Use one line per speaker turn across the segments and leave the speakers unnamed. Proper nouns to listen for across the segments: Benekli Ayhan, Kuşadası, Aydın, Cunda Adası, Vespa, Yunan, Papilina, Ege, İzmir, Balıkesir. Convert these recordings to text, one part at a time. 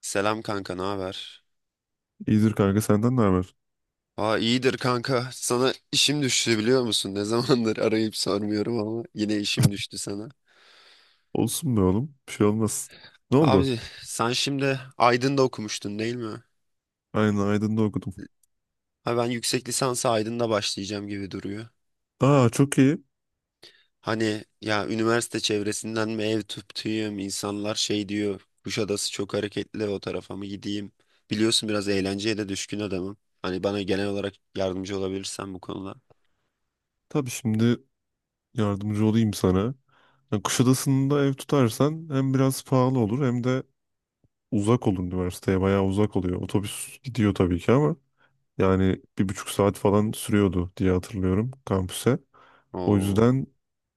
Selam kanka, ne haber?
İyidir kanka senden ne haber?
Aa iyidir kanka. Sana işim düştü biliyor musun? Ne zamandır arayıp sormuyorum ama yine işim düştü sana.
Olsun be oğlum. Bir şey olmaz. Ne oldu?
Abi sen şimdi Aydın'da okumuştun değil mi?
Aynen Aydın'da okudum.
Ha ben yüksek lisansa Aydın'da başlayacağım gibi duruyor.
Aa, çok iyi.
Hani ya üniversite çevresinden mi ev tutayım? İnsanlar şey diyor. Kuşadası çok hareketli o tarafa mı gideyim? Biliyorsun biraz eğlenceye de düşkün adamım. Hani bana genel olarak yardımcı olabilirsen bu konuda.
Tabii şimdi yardımcı olayım sana. Yani Kuşadası'nda ev tutarsan hem biraz pahalı olur hem de uzak olur üniversiteye. Bayağı uzak oluyor. Otobüs gidiyor tabii ki ama yani bir buçuk saat falan sürüyordu diye hatırlıyorum kampüse. O
Oo.
yüzden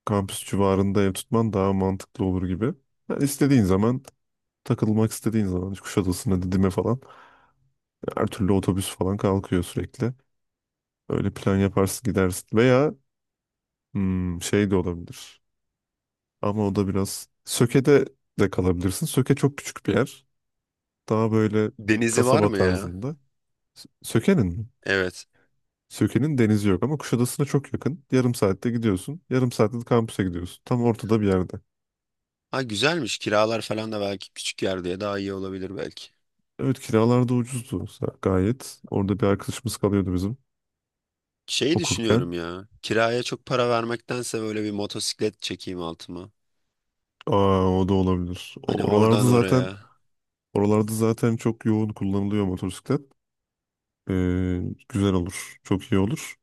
kampüs civarında ev tutman daha mantıklı olur gibi. Yani istediğin zaman takılmak istediğin zaman işte Kuşadası'na, Didim'e falan her türlü otobüs falan kalkıyor sürekli. Öyle plan yaparsın, gidersin. Veya şey de olabilir. Ama o da biraz Söke'de de kalabilirsin. Söke çok küçük bir yer. Daha böyle
Denizi var
kasaba
mı ya?
tarzında. Söke'nin mi?
Evet.
Söke'nin denizi yok ama Kuşadası'na çok yakın. Yarım saatte gidiyorsun. Yarım saatte de kampüse gidiyorsun. Tam ortada bir yerde.
Ha güzelmiş. Kiralar falan da belki küçük yer diye daha iyi olabilir belki.
Evet, kiralar da ucuzdu gayet. Orada bir arkadaşımız kalıyordu bizim
Şey düşünüyorum
okurken.
ya. Kiraya çok para vermektense böyle bir motosiklet çekeyim altıma.
Aa, o da olabilir.
Hani oradan oraya.
Oralarda zaten çok yoğun kullanılıyor motosiklet. Ee, Güzel olur. Çok iyi olur.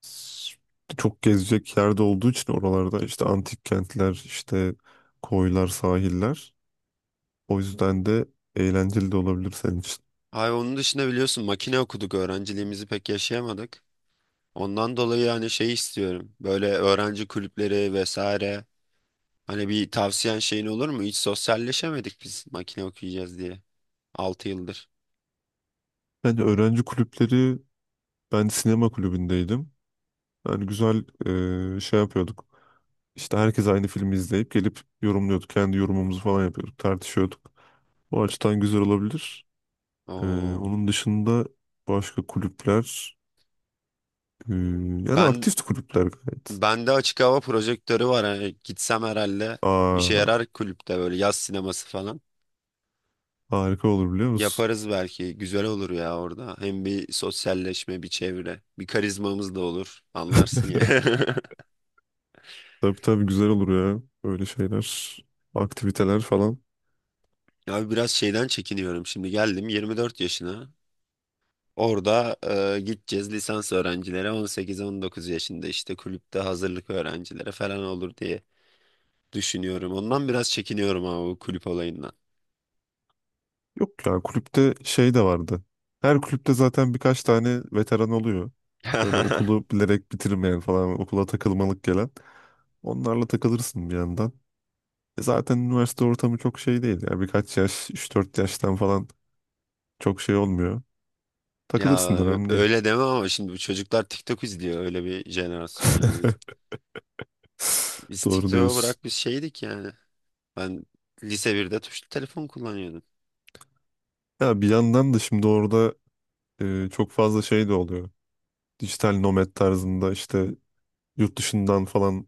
S- Çok gezecek yerde olduğu için oralarda işte antik kentler, işte koylar, sahiller. O yüzden de eğlenceli de olabilir senin için.
Ay onun dışında biliyorsun makine okuduk. Öğrenciliğimizi pek yaşayamadık. Ondan dolayı hani şey istiyorum. Böyle öğrenci kulüpleri vesaire. Hani bir tavsiyen şeyin olur mu? Hiç sosyalleşemedik biz makine okuyacağız diye. 6 yıldır.
Yani öğrenci kulüpleri, ben sinema kulübündeydim. Yani güzel şey yapıyorduk. İşte herkes aynı filmi izleyip gelip yorumluyorduk. Kendi yorumumuzu falan yapıyorduk, tartışıyorduk. O açıdan güzel olabilir. Ee,
Oo.
Onun dışında başka kulüpler. Yani
Ben
aktif kulüpler gayet.
Bende açık hava projektörü var. Hani gitsem herhalde işe
Aa,
yarar kulüpte böyle yaz sineması falan.
harika olur biliyor musun?
Yaparız belki. Güzel olur ya orada. Hem bir sosyalleşme, bir çevre, bir karizmamız da olur. Anlarsın ya.
Tabii, tabii güzel olur ya. Böyle şeyler, aktiviteler falan.
Ya biraz şeyden çekiniyorum. Şimdi geldim 24 yaşına. Orada gideceğiz lisans öğrencilere 18-19 yaşında işte kulüpte hazırlık öğrencilere falan olur diye düşünüyorum. Ondan biraz çekiniyorum ama bu kulüp olayından.
Yok ya, kulüpte şey de vardı. Her kulüpte zaten birkaç tane veteran oluyor. Böyle okulu bilerek bitirmeyen falan, okula takılmalık gelen. Onlarla takılırsın bir yandan. E, zaten üniversite ortamı çok şey değil ya. Birkaç yaş, 3-4 yaştan falan çok şey olmuyor.
Ya
Takılırsın da önemli değil.
öyle deme ama şimdi bu çocuklar TikTok izliyor öyle bir jenerasyon yani. Biz, biz
Doğru
TikTok'u
diyorsun.
bırak biz şeydik yani. Ben lise birde tuşlu telefon kullanıyordum.
Ya bir yandan da şimdi orada çok fazla şey de oluyor. Dijital nomad tarzında işte yurt dışından falan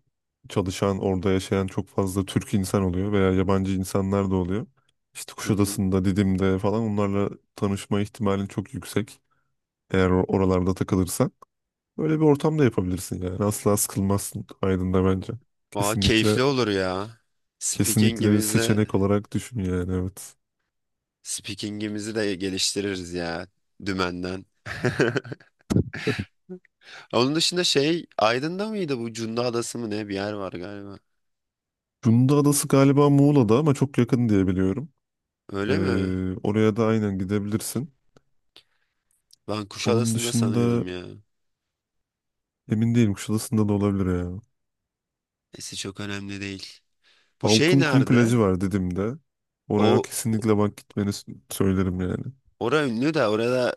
çalışan, orada yaşayan çok fazla Türk insan oluyor veya yabancı insanlar da oluyor. İşte
Hı hı.
Kuşadası'nda, Didim'de falan onlarla tanışma ihtimalin çok yüksek. Eğer oralarda takılırsan böyle bir ortam da yapabilirsin yani. Asla sıkılmazsın Aydın'da bence.
Valla
Kesinlikle,
keyifli olur ya.
kesinlikle bir
Speaking'imizi
seçenek olarak düşün, yani evet.
Speaking'imizi de geliştiririz ya dümenden. Onun dışında şey Aydın'da mıydı bu Cunda Adası mı ne bir yer var galiba.
Cunda Adası galiba Muğla'da ama çok yakın diye biliyorum.
Öyle mi?
Oraya da aynen gidebilirsin.
Ben
Onun
Kuşadası'nda
dışında
sanıyordum ya.
emin değilim, Kuşadası'nda da olabilir ya.
Neyse çok önemli değil. Bu şey
Altınkum
nerede?
plajı var dedim de. Oraya
O
kesinlikle bak, gitmeni söylerim yani.
Ora ünlü de orada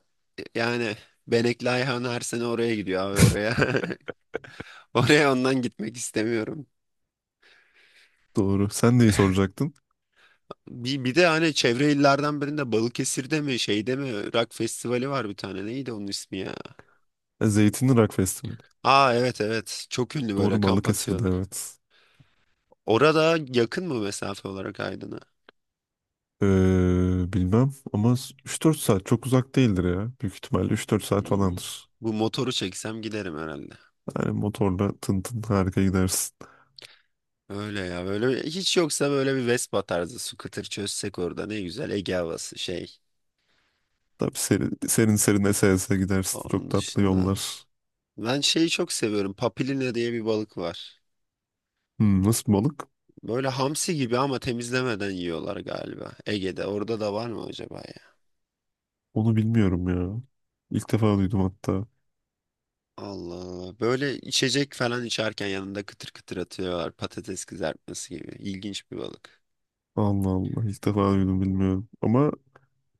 yani Benekli Ayhan her sene oraya gidiyor abi oraya. Oraya ondan gitmek istemiyorum.
Doğru. Sen neyi soracaktın?
Bir de hani çevre illerden birinde Balıkesir'de mi şeyde mi rock festivali var bir tane. Neydi onun ismi ya?
Zeytinli Rock Festivali.
Aa evet evet çok ünlü böyle
Doğru,
kamp
Balıkesir'de
atıyorlar.
evet.
Orada yakın mı mesafe olarak Aydın'a?
Bilmem ama 3-4 saat çok uzak değildir ya. Büyük ihtimalle 3-4 saat
İyi.
falandır.
Bu motoru çeksem giderim herhalde.
Yani motorla tın tın harika gidersin.
Öyle ya böyle hiç yoksa böyle bir Vespa tarzı scooter çözsek orada ne güzel Ege havası şey.
Tabii, serin serin, serin ese ese gidersin. Çok
Onun
tatlı
dışında
yollar.
ben şeyi çok seviyorum. Papilina diye bir balık var.
Nasıl bir balık?
Böyle hamsi gibi ama temizlemeden yiyorlar galiba. Ege'de. Orada da var mı acaba ya?
Onu bilmiyorum ya. İlk defa duydum hatta.
Allah Allah. Böyle içecek falan içerken yanında kıtır kıtır atıyorlar. Patates kızartması gibi. İlginç bir balık.
Allah Allah, ilk defa duydum, bilmiyorum. Ama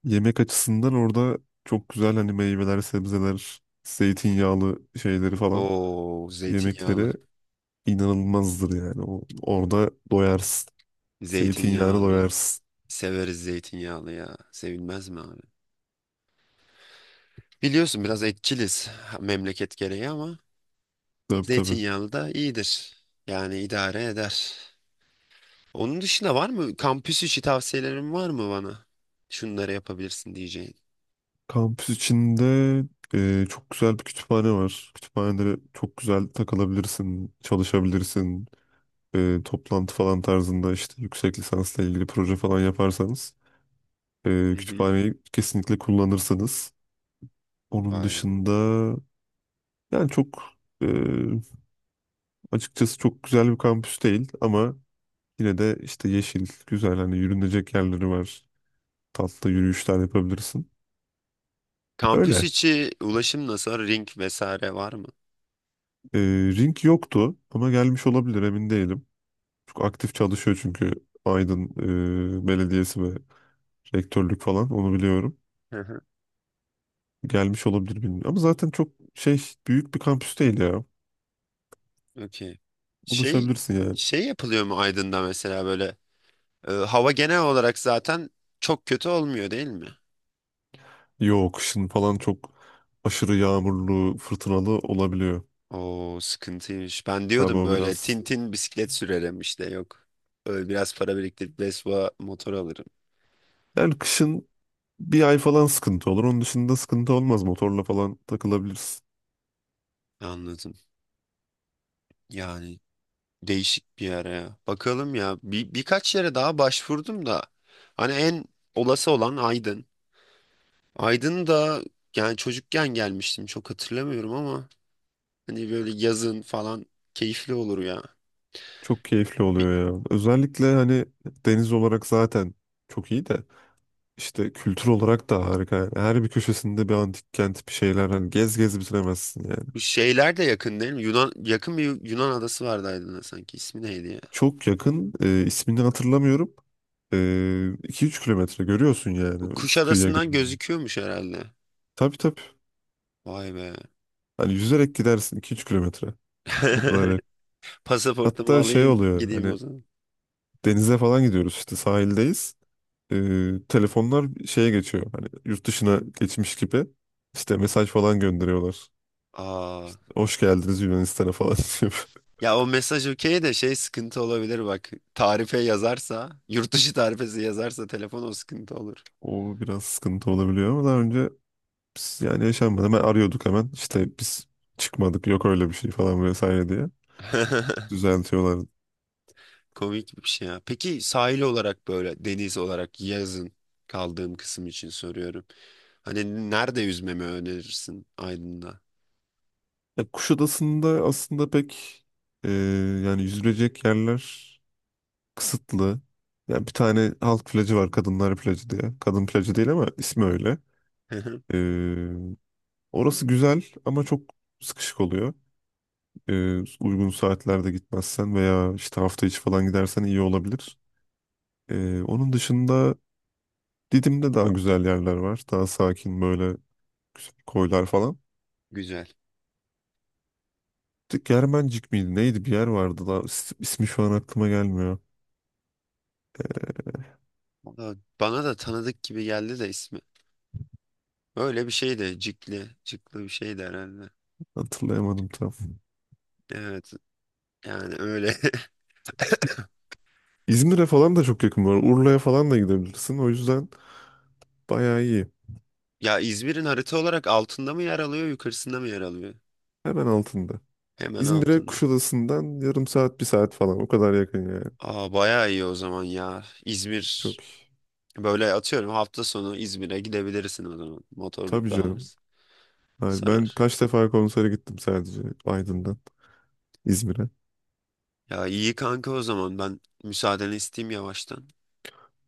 yemek açısından orada çok güzel, hani meyveler, sebzeler, zeytinyağlı şeyleri falan,
Oo, zeytinyağlı.
yemekleri inanılmazdır yani. Orada doyarsın. Zeytinyağına
Zeytinyağlı.
doyarsın.
Severiz zeytinyağlı ya. Sevilmez mi abi? Biliyorsun biraz etçiliz memleket gereği ama
Tabii, tabii.
zeytinyağlı da iyidir. Yani idare eder. Onun dışında var mı? Kampüs içi tavsiyelerin var mı bana? Şunları yapabilirsin diyeceğin.
Kampüs içinde çok güzel bir kütüphane var. Kütüphanede çok güzel takılabilirsin, çalışabilirsin. Toplantı falan tarzında işte yüksek lisansla ilgili proje falan yaparsanız
Hı hı.
kütüphaneyi kesinlikle kullanırsanız. Onun
Vay be.
dışında yani e, açıkçası çok güzel bir kampüs değil ama yine de işte yeşil, güzel, hani yürünecek yerleri var. Tatlı yürüyüşler yapabilirsin.
Kampüs
Öyle.
içi ulaşım nasıl? Ring vesaire var mı?
Ee, Ring yoktu ama gelmiş olabilir, emin değilim. Çok aktif çalışıyor çünkü Aydın Belediyesi ve rektörlük falan, onu biliyorum.
Hı hı.
Gelmiş olabilir, bilmiyorum. Ama zaten çok şey, büyük bir kampüs değil ya.
Okey. Şey
Ulaşabilirsin yani.
şey yapılıyor mu Aydın'da mesela böyle hava genel olarak zaten çok kötü olmuyor değil mi?
Yok, kışın falan çok aşırı yağmurlu, fırtınalı olabiliyor.
Oo sıkıntıymış. Ben
Tabii
diyordum
o
böyle
biraz.
tintin bisiklet sürerim işte yok. Böyle biraz para biriktirip Vespa motor alırım.
Yani kışın bir ay falan sıkıntı olur. Onun dışında sıkıntı olmaz. Motorla falan takılabilirsin.
Anladım. Yani değişik bir yer ya. Bakalım ya. Birkaç yere daha başvurdum da. Hani en olası olan Aydın. Aydın da yani çocukken gelmiştim. Çok hatırlamıyorum ama hani böyle yazın falan keyifli olur ya.
Çok keyifli
Bir,
oluyor ya. Özellikle hani deniz olarak zaten çok iyi de, işte kültür olarak da harika. Yani her bir köşesinde bir antik kent, bir şeyler, hani gez gez bitiremezsin yani.
bu şeyler de yakın değil mi? Yunan, yakın bir Yunan adası vardı Aydın'a sanki. İsmi neydi ya?
Çok yakın, ismini hatırlamıyorum. 2-3 kilometre görüyorsun
Bu
yani kıyıya
Kuşadası'ndan
gidince.
gözüküyormuş herhalde.
Tabii, tabii.
Vay be.
Hani yüzerek gidersin 2-3 kilometre. O kadar yakın.
Pasaportumu
Hatta şey
alayım
oluyor
gideyim o
hani,
zaman.
denize falan gidiyoruz, işte sahildeyiz. Telefonlar şeye geçiyor, hani yurt dışına geçmiş gibi. İşte mesaj falan gönderiyorlar.
Aa.
Hoş geldiniz Yunanistan'a falan, diyor.
Ya o mesaj okey de şey sıkıntı olabilir bak. Tarife yazarsa, yurt dışı tarifesi yazarsa telefon o sıkıntı olur.
O biraz sıkıntı olabiliyor ama daha önce biz yani yaşanmadı. Hemen arıyorduk, hemen işte biz çıkmadık, yok öyle bir şey falan vesaire diye düzeltiyorlardı.
Komik bir şey ya. Peki sahil olarak böyle deniz olarak yazın kaldığım kısım için soruyorum. Hani nerede yüzmemi önerirsin Aydın'da?
Ya Kuşadası'nda aslında pek e, yani yüzülecek yerler kısıtlı. Yani bir tane halk plajı var, kadınlar plajı diye. Kadın plajı değil ama ismi öyle. Ee, Orası güzel ama çok sıkışık oluyor. Uygun saatlerde gitmezsen veya işte hafta içi falan gidersen iyi olabilir. Onun dışında Didim'de daha güzel yerler var. Daha sakin böyle güzel koylar falan.
Güzel.
Germencik miydi? Neydi, bir yer vardı da ismi şu an aklıma gelmiyor.
Valla bana da tanıdık gibi geldi de ismi. Öyle bir şey de Cikli, Cikli bir şey de herhalde.
Hatırlayamadım tam.
Evet yani öyle.
İzmir'e falan da çok yakın var. Urla'ya falan da gidebilirsin. O yüzden bayağı iyi.
Ya İzmir'in harita olarak altında mı yer alıyor, yukarısında mı yer alıyor?
Hemen altında.
Hemen
İzmir'e
altında.
Kuşadası'ndan yarım saat, bir saat falan. O kadar yakın yani.
Aa bayağı iyi o zaman ya. İzmir
Çok iyi.
böyle atıyorum hafta sonu İzmir'e gidebilirsin o zaman. Motor
Tabii
da var.
canım. Yani ben
Sarar.
kaç defa konsere gittim sadece Aydın'dan İzmir'e.
Ya iyi kanka o zaman ben müsaadeni isteyeyim yavaştan.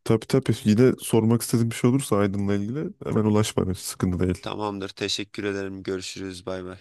Tabii, tabii. Yine sormak istediğim bir şey olursa Aydın'la ilgili hemen ulaş bana. Hiç sıkıntı değil.
Tamamdır teşekkür ederim görüşürüz bay bay.